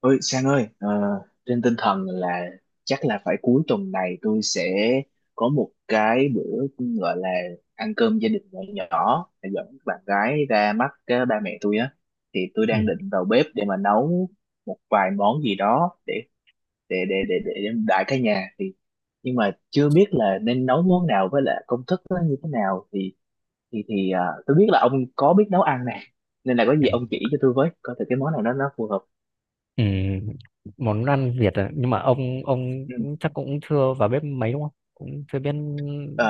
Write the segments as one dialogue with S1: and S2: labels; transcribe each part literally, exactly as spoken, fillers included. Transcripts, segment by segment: S1: Ôi Sang ơi, ờ, trên tinh thần là chắc là phải cuối tuần này tôi sẽ có một cái bữa gọi là ăn cơm gia đình nhỏ nhỏ để dẫn bạn gái ra mắt ờ, ba mẹ tôi á. Thì tôi
S2: Ừ.
S1: đang định vào bếp để mà nấu một vài món gì đó để để để để để, để đãi cả nhà. Thì nhưng mà chưa biết là nên nấu món nào với lại công thức nó như thế nào, thì thì thì ờ, tôi biết là ông có biết nấu ăn nè, nên là có gì
S2: Ừ.
S1: ông chỉ cho tôi với, coi thử cái món nào đó nó phù hợp.
S2: Ừ. Món ăn Việt à? Nhưng mà ông ông
S1: Ừ.
S2: cũng- chắc cũng chưa vào bếp mấy, đúng không, cũng chưa biết
S1: ờ,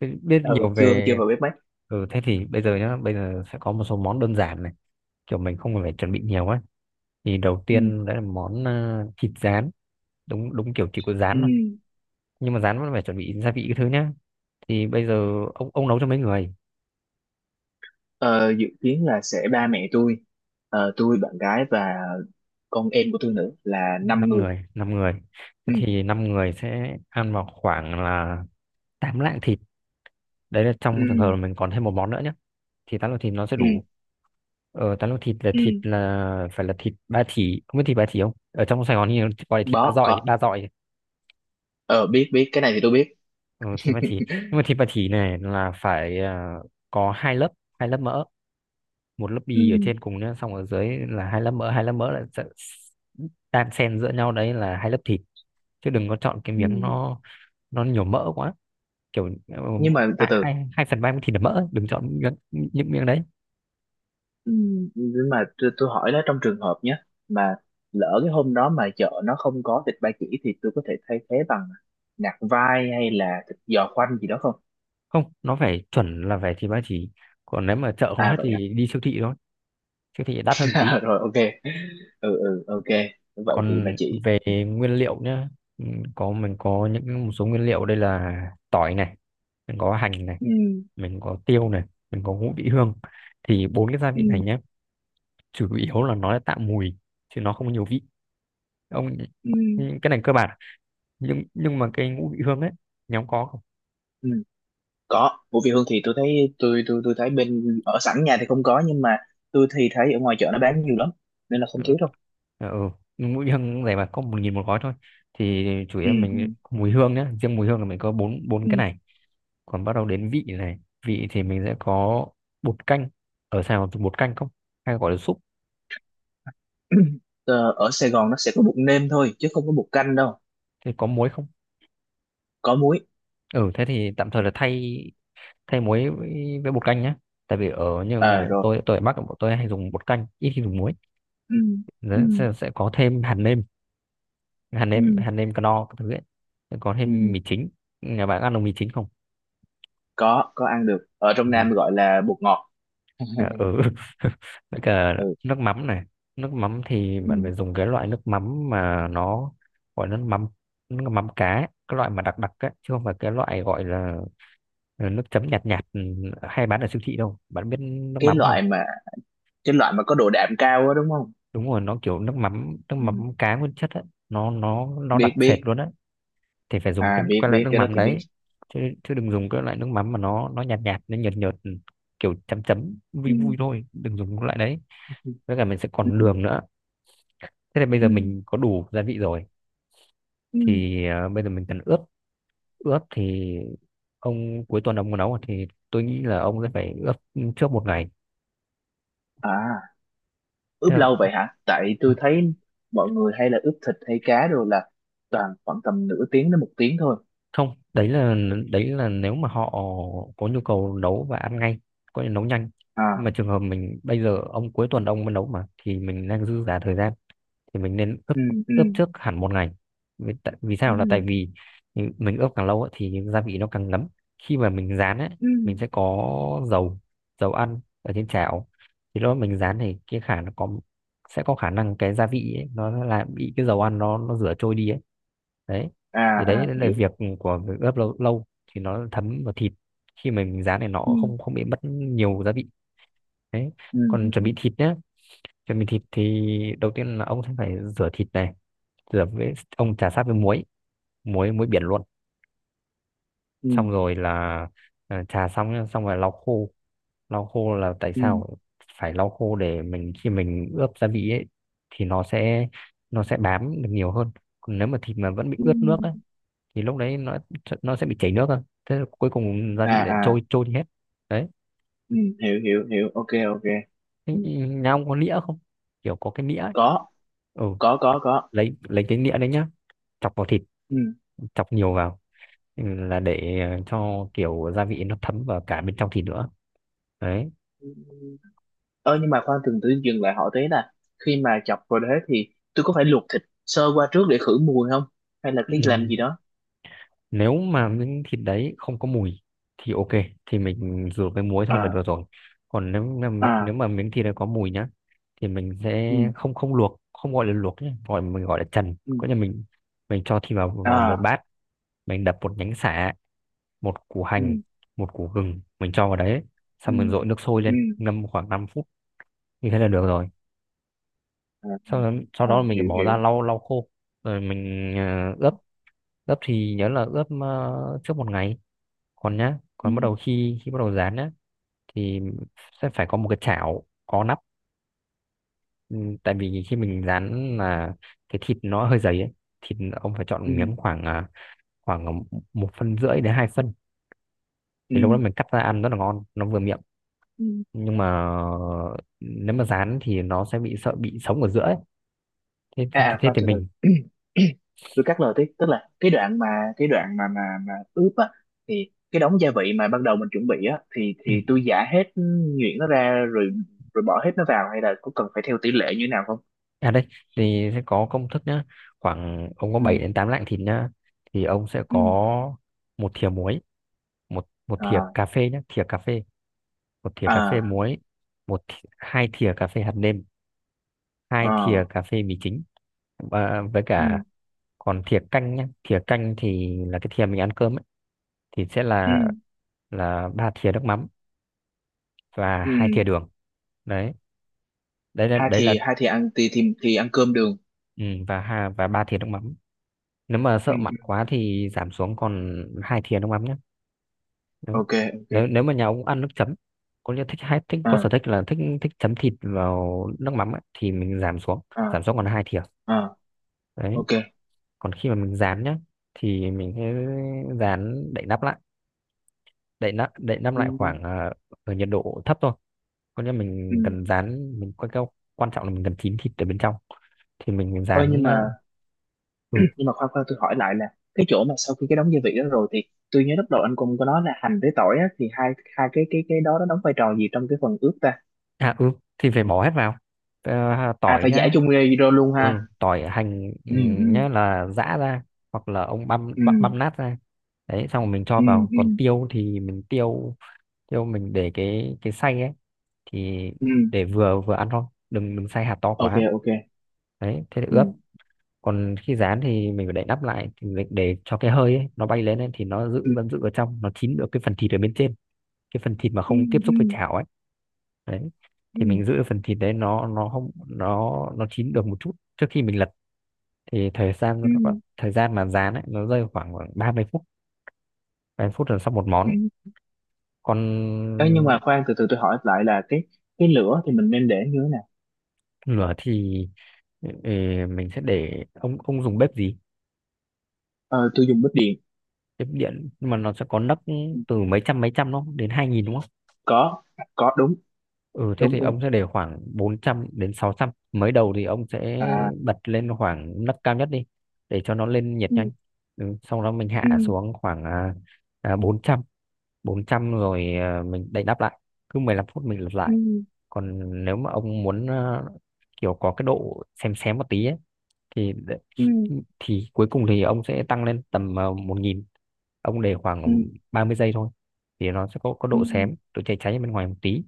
S2: chưa biết nhiều
S1: ừ, chưa chưa
S2: về...
S1: vào bếp bách.
S2: ừ, Thế thì bây giờ nhá bây giờ sẽ có một số món đơn giản này, kiểu mình không cần phải chuẩn bị nhiều ấy. Thì đầu
S1: Ừ.
S2: tiên đấy là món ờ, thịt rán. Đúng đúng, kiểu chỉ có
S1: Ừ.
S2: rán thôi. Nhưng mà rán vẫn phải chuẩn bị gia vị cái thứ nhá. Thì bây giờ ông ông nấu cho mấy người?
S1: Ờ, Dự kiến là sẽ ba mẹ tôi, Ờ, tôi, bạn gái và con em của tôi nữa, là năm
S2: Năm
S1: người.
S2: người. Năm người. Thế
S1: Ừ.
S2: thì năm người sẽ ăn vào khoảng là tám lạng thịt. Đấy là
S1: Ừ.
S2: trong trường hợp là mình còn thêm một món nữa nhá. Thì tán lô thịt nó sẽ
S1: Ừ.
S2: đủ. Ờ tán lô thịt là
S1: Ừ.
S2: thịt là phải là thịt ba chỉ. Không biết thịt ba chỉ không, ở trong Sài Gòn thì nó gọi là thịt ba
S1: Đó
S2: dọi,
S1: có
S2: ba dọi.
S1: ờ biết biết cái này thì tôi biết.
S2: Ừ, thịt ba chỉ. Nhưng mà thịt ba chỉ này là phải à, có hai lớp, hai lớp mỡ. Một lớp bì ở
S1: Ừ,
S2: trên cùng nữa, xong ở dưới là hai lớp mỡ, hai lớp mỡ là sẽ đan xen giữa nhau, đấy là hai lớp thịt. Chứ đừng có chọn cái
S1: ừ.
S2: miếng nó nó nhiều mỡ quá, kiểu ừ,
S1: Nhưng mà từ
S2: hai
S1: từ.
S2: hai hai phần ba miếng thịt là mỡ, đừng chọn miếng, những miếng đấy.
S1: Ừ. Nhưng mà tôi, tôi hỏi nó trong trường hợp nhé, mà lỡ cái hôm đó mà chợ nó không có thịt ba chỉ thì tôi có thể thay thế bằng nạc vai hay là thịt giò khoanh gì đó không?
S2: Không, nó phải chuẩn, là phải thì ba chỉ. Còn nếu mà chợ không
S1: À
S2: hết
S1: vậy.
S2: thì đi siêu thị thôi. Siêu thị đắt hơn tí.
S1: Rồi, ok. Ừ, ừ, ok. Vậy thì bà
S2: Còn
S1: chỉ.
S2: về nguyên liệu nhá, ừ, có mình có những một số nguyên liệu đây là: tỏi này, mình có hành này,
S1: Ừ,
S2: mình có tiêu này, mình có ngũ vị hương. Thì bốn cái gia
S1: ừ,
S2: vị này nhé, chủ yếu là nó là tạo mùi, chứ nó không có nhiều vị. Ông,
S1: ừ,
S2: cái này cơ bản. Nhưng nhưng mà cái ngũ vị hương ấy, nhóm có không?
S1: ừ. Có Vũ Việt Hương thì tôi thấy, tôi tôi tôi thấy bên ở sẵn nhà thì không có, nhưng mà tôi thì thấy ở ngoài chợ nó bán nhiều lắm, nên là
S2: Ừ.
S1: không thiếu đâu.
S2: Ờ. Ừ. Mũi hương này mà có một nghìn một gói thôi. Thì chủ yếu
S1: Ừ,
S2: là
S1: ừ,
S2: mình có mùi hương nhá, riêng mùi hương là mình có bốn bốn cái
S1: ừ.
S2: này. Còn bắt đầu đến vị này, vị thì mình sẽ có bột canh. Ở Sài Gòn thì bột canh không, hay gọi là súp?
S1: Ờ, ở Sài Gòn nó sẽ có bột nêm thôi chứ không có bột canh đâu.
S2: Thì có muối không?
S1: Có muối.
S2: Ừ, thế thì tạm thời là thay thay muối với, với, bột canh nhé. Tại vì ở như
S1: À,
S2: ngoài
S1: rồi.
S2: tôi tôi, ở Bắc bọn tôi hay dùng bột canh, ít khi dùng muối.
S1: Ừ, ừ,
S2: Đấy, sẽ, sẽ có thêm hạt nêm. hạt nêm
S1: ừ,
S2: hạt nêm cano các thứ ấy. Sẽ có
S1: ừ.
S2: thêm mì chính. Nhà bạn ăn được mì chính không?
S1: có có ăn được, ở trong Nam gọi là bột ngọt.
S2: Dạ. Ừ. Với cả
S1: Ừ.
S2: nước mắm này. Nước mắm thì
S1: Ừ,
S2: bạn phải dùng cái loại nước mắm mà nó gọi là nước mắm, nước mắm cá ấy, cái loại mà đặc đặc ấy, chứ không phải cái loại gọi là là nước chấm nhạt nhạt, ừ, hay bán ở siêu thị đâu, bạn biết nước
S1: cái
S2: mắm không?
S1: loại mà cái loại mà có độ đạm cao á, đúng không?
S2: Đúng rồi, nó kiểu nước mắm, nước mắm cá nguyên chất ấy, nó nó nó đặc
S1: Biết
S2: sệt
S1: biết.
S2: luôn á. Thì phải dùng
S1: À,
S2: cái
S1: biết
S2: cái loại
S1: biết
S2: nước
S1: cái đó
S2: mắm
S1: thì biết.
S2: đấy. Chứ chứ đừng dùng cái loại nước mắm mà nó nó nhạt nhạt, nó nhợt nhợt, ừ, kiểu chấm chấm vui
S1: Ừ.
S2: vui thôi, đừng dùng cái loại đấy.
S1: Ừ.
S2: Với cả mình sẽ còn
S1: Ừ,
S2: đường nữa. Thế là bây giờ
S1: ừ,
S2: mình có đủ gia vị rồi.
S1: ừ.
S2: Thì ờ, bây giờ mình cần ướp. Ướp thì, ông cuối tuần ông muốn nấu thì tôi nghĩ là ông sẽ phải ướp trước một ngày.
S1: À,
S2: Thế
S1: ướp
S2: là
S1: lâu vậy hả? Tại tôi thấy mọi người hay là ướp thịt hay cá rồi là toàn khoảng tầm nửa tiếng đến một tiếng thôi.
S2: không, đấy là đấy là nếu mà họ có nhu cầu nấu và ăn ngay, có thể nấu nhanh. Nhưng
S1: À.
S2: mà trường hợp mình bây giờ, ông cuối tuần ông mới nấu mà, thì mình đang dư giả thời gian, thì mình nên ướp
S1: Ừ, ừ,
S2: ướp trước hẳn một ngày. Vì, tại- vì sao là tại vì mình ướp càng lâu ấy, thì gia vị nó càng ngấm. Khi mà mình rán ấy,
S1: ừ.
S2: mình sẽ có dầu dầu ăn ở trên chảo, thì lúc đó mình rán thì cái khả nó có sẽ có khả năng cái gia vị ấy, nó là bị cái dầu ăn nó nó rửa trôi đi ấy, đấy.
S1: À,
S2: Thì
S1: à,
S2: đấy là
S1: hiểu.
S2: việc của việc ướp lâu, lâu thì nó thấm vào thịt, khi mình rán này nó
S1: Ừ,
S2: không không bị mất nhiều gia vị, đấy.
S1: ừ,
S2: Còn chuẩn
S1: ừ,
S2: bị thịt nhé, chuẩn bị thịt thì đầu tiên là ông sẽ phải rửa thịt này, rửa với ông chà sát với muối, muối muối biển luôn.
S1: ừ,
S2: Xong rồi là, à, chà xong nhá, xong rồi lau khô. Lau khô là tại
S1: ừ,
S2: sao phải lau khô? Để mình khi mình ướp gia vị ấy thì nó sẽ nó sẽ bám được nhiều hơn. Còn nếu mà thịt mà vẫn bị
S1: ừ.
S2: ướt nước ấy,
S1: Ừ.
S2: thì lúc đấy nó nó sẽ bị chảy nước thôi, thế là cuối cùng gia
S1: À,
S2: vị lại
S1: à,
S2: trôi trôi đi hết, đấy.
S1: ừ, hiểu hiểu hiểu, ok, ok.
S2: Thế
S1: Ừ.
S2: nhà ông có nĩa không, kiểu có cái nĩa ấy?
S1: Có,
S2: Ừ,
S1: có, có, có.
S2: lấy lấy cái nĩa đấy nhá, chọc vào thịt, chọc nhiều vào, ừ, là để ờ, cho kiểu gia vị nó thấm vào cả bên trong thịt nữa, đấy.
S1: Ừ. Ờ nhưng mà khoan, từng tự, dừng lại hỏi thế là khi mà chọc vào đế thì tôi có phải luộc thịt sơ qua trước để khử mùi không? Hay là
S2: Ừ.
S1: cái làm gì đó?
S2: Nếu mà miếng thịt đấy không có mùi thì ok, thì mình rửa với muối thôi là
S1: À,
S2: được rồi. Còn nếu mà nếu
S1: à,
S2: mà miếng thịt này có mùi nhá, thì mình
S1: ừ,
S2: sẽ không không luộc, không gọi là luộc nhé, gọi, mình gọi là trần,
S1: ừ.
S2: có nghĩa là mình mình cho thịt vào vào một
S1: À,
S2: bát. Mình đập một nhánh sả, một củ
S1: ừ,
S2: hành, một củ gừng mình cho vào đấy,
S1: ừ,
S2: xong mình dội nước sôi
S1: ừ.
S2: lên ngâm khoảng năm phút, như thế là được rồi.
S1: À, ừ.
S2: Sau đó, sau
S1: À,
S2: đó mình
S1: hiểu
S2: bỏ ra
S1: hiểu.
S2: lau lau khô, rồi mình ờ, ướp. Ướp thì nhớ là ướp ờ, trước một ngày. Còn nhá,
S1: Ừ,
S2: còn bắt đầu khi khi bắt đầu dán nhá, thì sẽ phải có một cái chảo có nắp. Ừ, tại vì khi mình dán là cái thịt nó hơi dày ấy, thịt ông phải
S1: ừ,
S2: chọn miếng khoảng à, khoảng một phân rưỡi đến hai phân, thì lúc đó
S1: ừ,
S2: mình cắt ra ăn rất là ngon, nó vừa miệng.
S1: ừ.
S2: Nhưng mà nếu mà dán thì nó sẽ bị sợ bị sống ở giữa ấy. Thế,
S1: À,
S2: thế, thế,
S1: à,
S2: thế
S1: khoan
S2: thì
S1: từ từ.
S2: mình...
S1: Tôi cắt lời tiếp, tức là cái đoạn mà, cái đoạn mà mà mà ướp á, thì cái đống gia vị mà ban đầu mình chuẩn bị á, thì thì tôi giả hết nhuyễn nó ra rồi, rồi bỏ hết nó vào, hay là có cần phải theo tỷ lệ như thế nào không?
S2: À đây, thì sẽ có công thức nhá. Khoảng ông có bảy
S1: Ừ.
S2: đến tám lạng thịt nhá, thì ông sẽ
S1: Ừ,
S2: có một thìa muối. Một một thìa
S1: à,
S2: cà phê nhé, thìa cà phê, một thìa cà phê
S1: à,
S2: muối, một thi- hai thìa cà phê hạt nêm, hai thìa
S1: à,
S2: cà phê mì chính, và với
S1: ừ,
S2: cả, còn thìa canh nhé, thìa canh thì là cái thìa mình ăn cơm ấy, thì sẽ
S1: ừ,
S2: là là ba thìa nước mắm và
S1: ừ.
S2: hai thìa đường. Đấy. đấy là
S1: hai
S2: đấy là
S1: thì hai thì ăn thì thì, thì ăn cơm đường.
S2: ừ, và ha và ba thìa nước mắm. Nếu mà
S1: Ừ,
S2: sợ mặn
S1: ừ,
S2: quá thì giảm xuống còn hai thìa nước mắm nhé. Đúng.
S1: ok, ok.
S2: Nếu nếu mà nhà ông ăn nước chấm, có nghĩa thích hay thích, có sở
S1: À,
S2: thích là thích thích chấm thịt vào nước mắm ấy, thì mình giảm xuống,
S1: à,
S2: giảm xuống còn hai thìa,
S1: à,
S2: đấy.
S1: ok.
S2: Còn khi mà mình rán nhá, thì mình sẽ rán đậy nắp lại. Đậy nắp đậy nắp lại
S1: Ừ,
S2: khoảng ờ, ở nhiệt độ thấp thôi, có nghĩa
S1: ừ.
S2: mình cần rán, mình quan quan trọng là mình cần chín thịt ở bên trong. Thì mình
S1: Thôi,
S2: rán,
S1: nhưng
S2: ờ,
S1: mà
S2: ừ,
S1: nhưng mà khoan khoan, tôi hỏi lại là cái chỗ mà sau khi cái đóng gia vị đó rồi thì tôi nhớ lúc đầu anh cũng có nói là hành với tỏi á, thì hai hai cái cái cái đó nó đóng vai trò gì trong cái phần ướp ta?
S2: à, ừ, thì phải bỏ hết vào. Ờ,
S1: À,
S2: tỏi
S1: phải giả
S2: nhá.
S1: chung ra vô luôn
S2: Ừ,
S1: ha?
S2: tỏi, hành, ừ,
S1: Ừ, ừ,
S2: nhá, là giã ra, hoặc là ông băm
S1: ừ,
S2: băm, băm nát ra, đấy, xong rồi mình cho
S1: ừ,
S2: vào.
S1: ừ,
S2: Còn tiêu thì mình, tiêu tiêu, mình để cái cái xay ấy, thì
S1: ừ,
S2: để vừa vừa ăn thôi, đừng đừng xay hạt to
S1: ok,
S2: quá.
S1: ok.
S2: Đấy, thế là
S1: Ừ,
S2: ướp. Còn khi rán thì mình phải đậy nắp lại, thì để, để cho cái hơi ấy, nó bay lên ấy, thì nó giữ
S1: ừ,
S2: vẫn giữ ở trong, nó chín được cái phần thịt ở bên trên, cái phần thịt mà
S1: ừ,
S2: không tiếp
S1: ừ,
S2: xúc với chảo ấy, đấy.
S1: ừ,
S2: Thì mình giữ phần thịt đấy, nó nó không, nó nó chín được một chút trước khi mình lật. Thì thời gian nó
S1: ừ.
S2: còn- thời gian mà rán ấy, nó rơi khoảng khoảng ba mươi phút. Ba mươi phút là xong một món.
S1: Ừ.
S2: Còn
S1: Ê, nhưng mà khoan từ từ, tôi hỏi lại là cái cái lửa thì mình nên để như thế nào?
S2: lửa thì ừ, mình sẽ để, ông ông dùng bếp gì?
S1: Ờ, tôi dùng bếp điện.
S2: Bếp điện, nhưng mà nó sẽ có nấc, từ mấy trăm mấy trăm, đúng không, đến hai nghìn đúng?
S1: Có, có đúng,
S2: Ừ thế
S1: đúng
S2: thì
S1: đúng.
S2: ông sẽ để khoảng bốn trăm đến sáu trăm. Mới đầu thì ông sẽ
S1: À,
S2: bật lên khoảng nấc cao nhất đi, để cho nó lên nhiệt
S1: ừ,
S2: nhanh. Ừ, xong đó mình hạ
S1: ừ,
S2: xuống khoảng à, à, bốn trăm bốn trăm rồi, à, mình đậy nắp lại. Cứ mười lăm phút mình lật
S1: ừ,
S2: lại. Còn nếu mà ông muốn à, kiểu có cái độ xém xém một tí ấy, thì đ-
S1: ừ,
S2: thì cuối cùng thì ông sẽ tăng lên tầm à, một nghìn. Ông để
S1: ừ,
S2: khoảng ba mươi giây thôi, thì nó sẽ có có
S1: ừ,
S2: độ xém, độ cháy cháy ở bên ngoài một tí.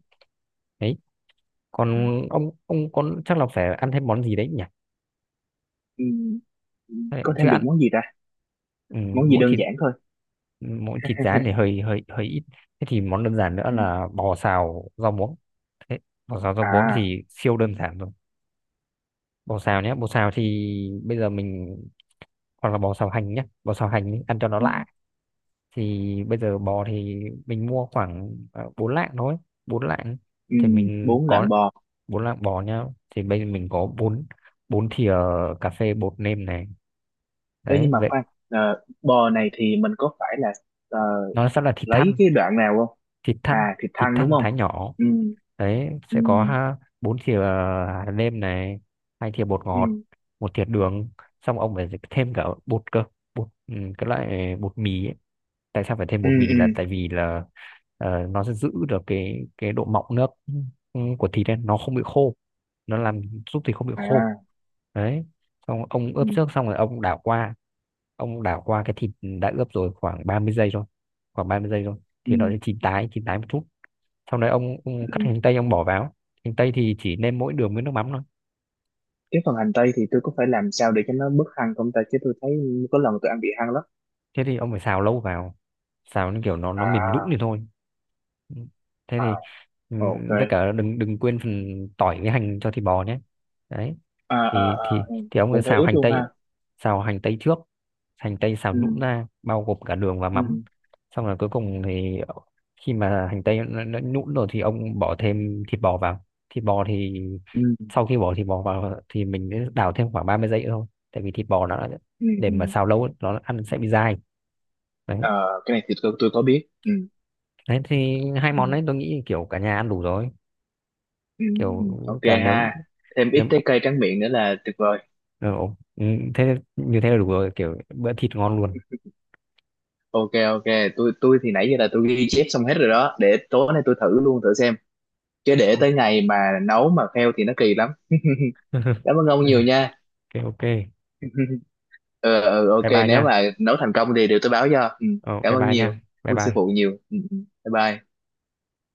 S2: Đấy. Còn ông ông con chắc là phải ăn thêm món gì đấy nhỉ?
S1: ừ, ừ. Có
S2: Đấy, chứ
S1: thêm được
S2: ăn...
S1: món gì ta?
S2: Ừ,
S1: Món gì
S2: mỗi
S1: đơn
S2: thịt
S1: giản thôi.
S2: mỗi thịt rán thì hơi hơi hơi ít. Thế thì món đơn giản nữa
S1: Ừ.
S2: là bò xào rau muống. Thế, bò xào rau muống
S1: À,
S2: thì siêu đơn giản rồi. Bò xào nhé, bò xào thì bây giờ mình, hoặc là bò xào hành nhé, bò xào hành ý, ăn cho nó
S1: ừ,
S2: lạ. Thì bây giờ bò thì mình mua khoảng ờ, bốn lạng thôi, bốn lạng.
S1: ừ,
S2: Thì mình
S1: bốn
S2: có
S1: lạng bò.
S2: bốn lạng bò nhá. Thì bây giờ mình có bốn bốn thìa cà phê bột nêm này,
S1: Ê,
S2: đấy
S1: nhưng mà
S2: vậy.
S1: khoan, ờ, bò này thì mình có phải là ờ,
S2: Nó sẽ là thịt
S1: lấy
S2: thăn.
S1: cái đoạn nào không?
S2: thịt thăn
S1: À, thịt
S2: thịt
S1: thăn đúng
S2: thăn
S1: không?
S2: thái nhỏ.
S1: Ừ,
S2: Đấy,
S1: ừ,
S2: sẽ có ha- bốn thìa hạt nêm này, hai thìa bột ngọt,
S1: ừ,
S2: một thìa đường. Xong ông phải thêm cả bột cơ, bột, ừ, cái loại bột mì ấy. Tại sao phải thêm
S1: ừ,
S2: bột mì là
S1: ừ.
S2: tại vì là ờ, nó sẽ giữ được cái cái độ mọng nước, ừ, của thịt ấy, nó không bị khô. Nó làm Giúp thịt không bị khô,
S1: À,
S2: đấy. Xong ông ướp
S1: ừ,
S2: trước, xong rồi ông đảo qua ông đảo qua cái thịt đã ướp rồi, khoảng ba mươi giây thôi, khoảng ba mươi giây thôi,
S1: ừ.
S2: thì nó sẽ chín tái chín tái một chút. Sau đấy ông, ông
S1: Ừ.
S2: cắt hành tây, ông bỏ vào. Hành tây thì chỉ nêm mỗi đường với nước mắm.
S1: Cái phần hành tây thì tôi có phải làm sao để cho nó bớt hăng không ta? Chứ tôi thấy có lần tôi ăn bị hăng lắm.
S2: Thế thì ông phải xào lâu vào, xào như kiểu nó nó mềm nhũn
S1: À,
S2: thì thôi. Ừ. Thế thì,
S1: à,
S2: ừ,
S1: ok.
S2: với cả đừng đừng quên phần tỏi với hành cho thịt bò nhé, đấy.
S1: À, à,
S2: thì thì
S1: à, ừ.
S2: thì ông cứ
S1: Cũng phải
S2: xào
S1: ướp
S2: hành
S1: luôn
S2: tây
S1: ha?
S2: ấy, xào hành tây trước, hành tây xào
S1: Ừ,
S2: nhũn ra, bao gồm cả đường và mắm.
S1: ừ,
S2: Xong rồi cuối cùng thì khi mà hành tây nó, nó nhũn rồi thì ông bỏ thêm thịt bò vào. Thịt bò thì
S1: ừ,
S2: sau khi bỏ thịt bò vào thì mình đảo thêm khoảng ba mươi giây nữa thôi. Tại vì thịt bò nó đã-
S1: ừ,
S2: để
S1: ừ.
S2: mà xào lâu ấy, nó ăn sẽ bị dai, đấy.
S1: Ờ, cái này thì tôi, tôi có biết. Ừ,
S2: Đấy thì hai
S1: ừ.
S2: món đấy tôi nghĩ kiểu cả nhà ăn đủ rồi,
S1: Ừ.
S2: kiểu
S1: Ok
S2: cả, nếu
S1: ha. Thêm ít
S2: nếu
S1: trái cây tráng miệng nữa là tuyệt vời.
S2: ừ, ừ, thế như thế là đủ rồi, kiểu bữa thịt ngon luôn.
S1: Ok, ok. Tôi tôi thì nãy giờ là tôi ghi chép xong hết rồi đó, để tối nay tôi thử luôn, thử xem, chứ để tới ngày mà nấu mà fail thì nó kỳ lắm. Cảm ơn ông nhiều nha.
S2: Ok, ok,
S1: ờ ừ, ok,
S2: bye bye
S1: nếu
S2: nha.
S1: mà nấu thành công thì đều tôi báo cho. Ừ.
S2: ờ,
S1: Cảm
S2: Bye
S1: ơn
S2: bye
S1: nhiều,
S2: nha,
S1: cảm
S2: bye
S1: ơn sư
S2: bye.
S1: phụ nhiều. Ừ. Ừ. Bye bye.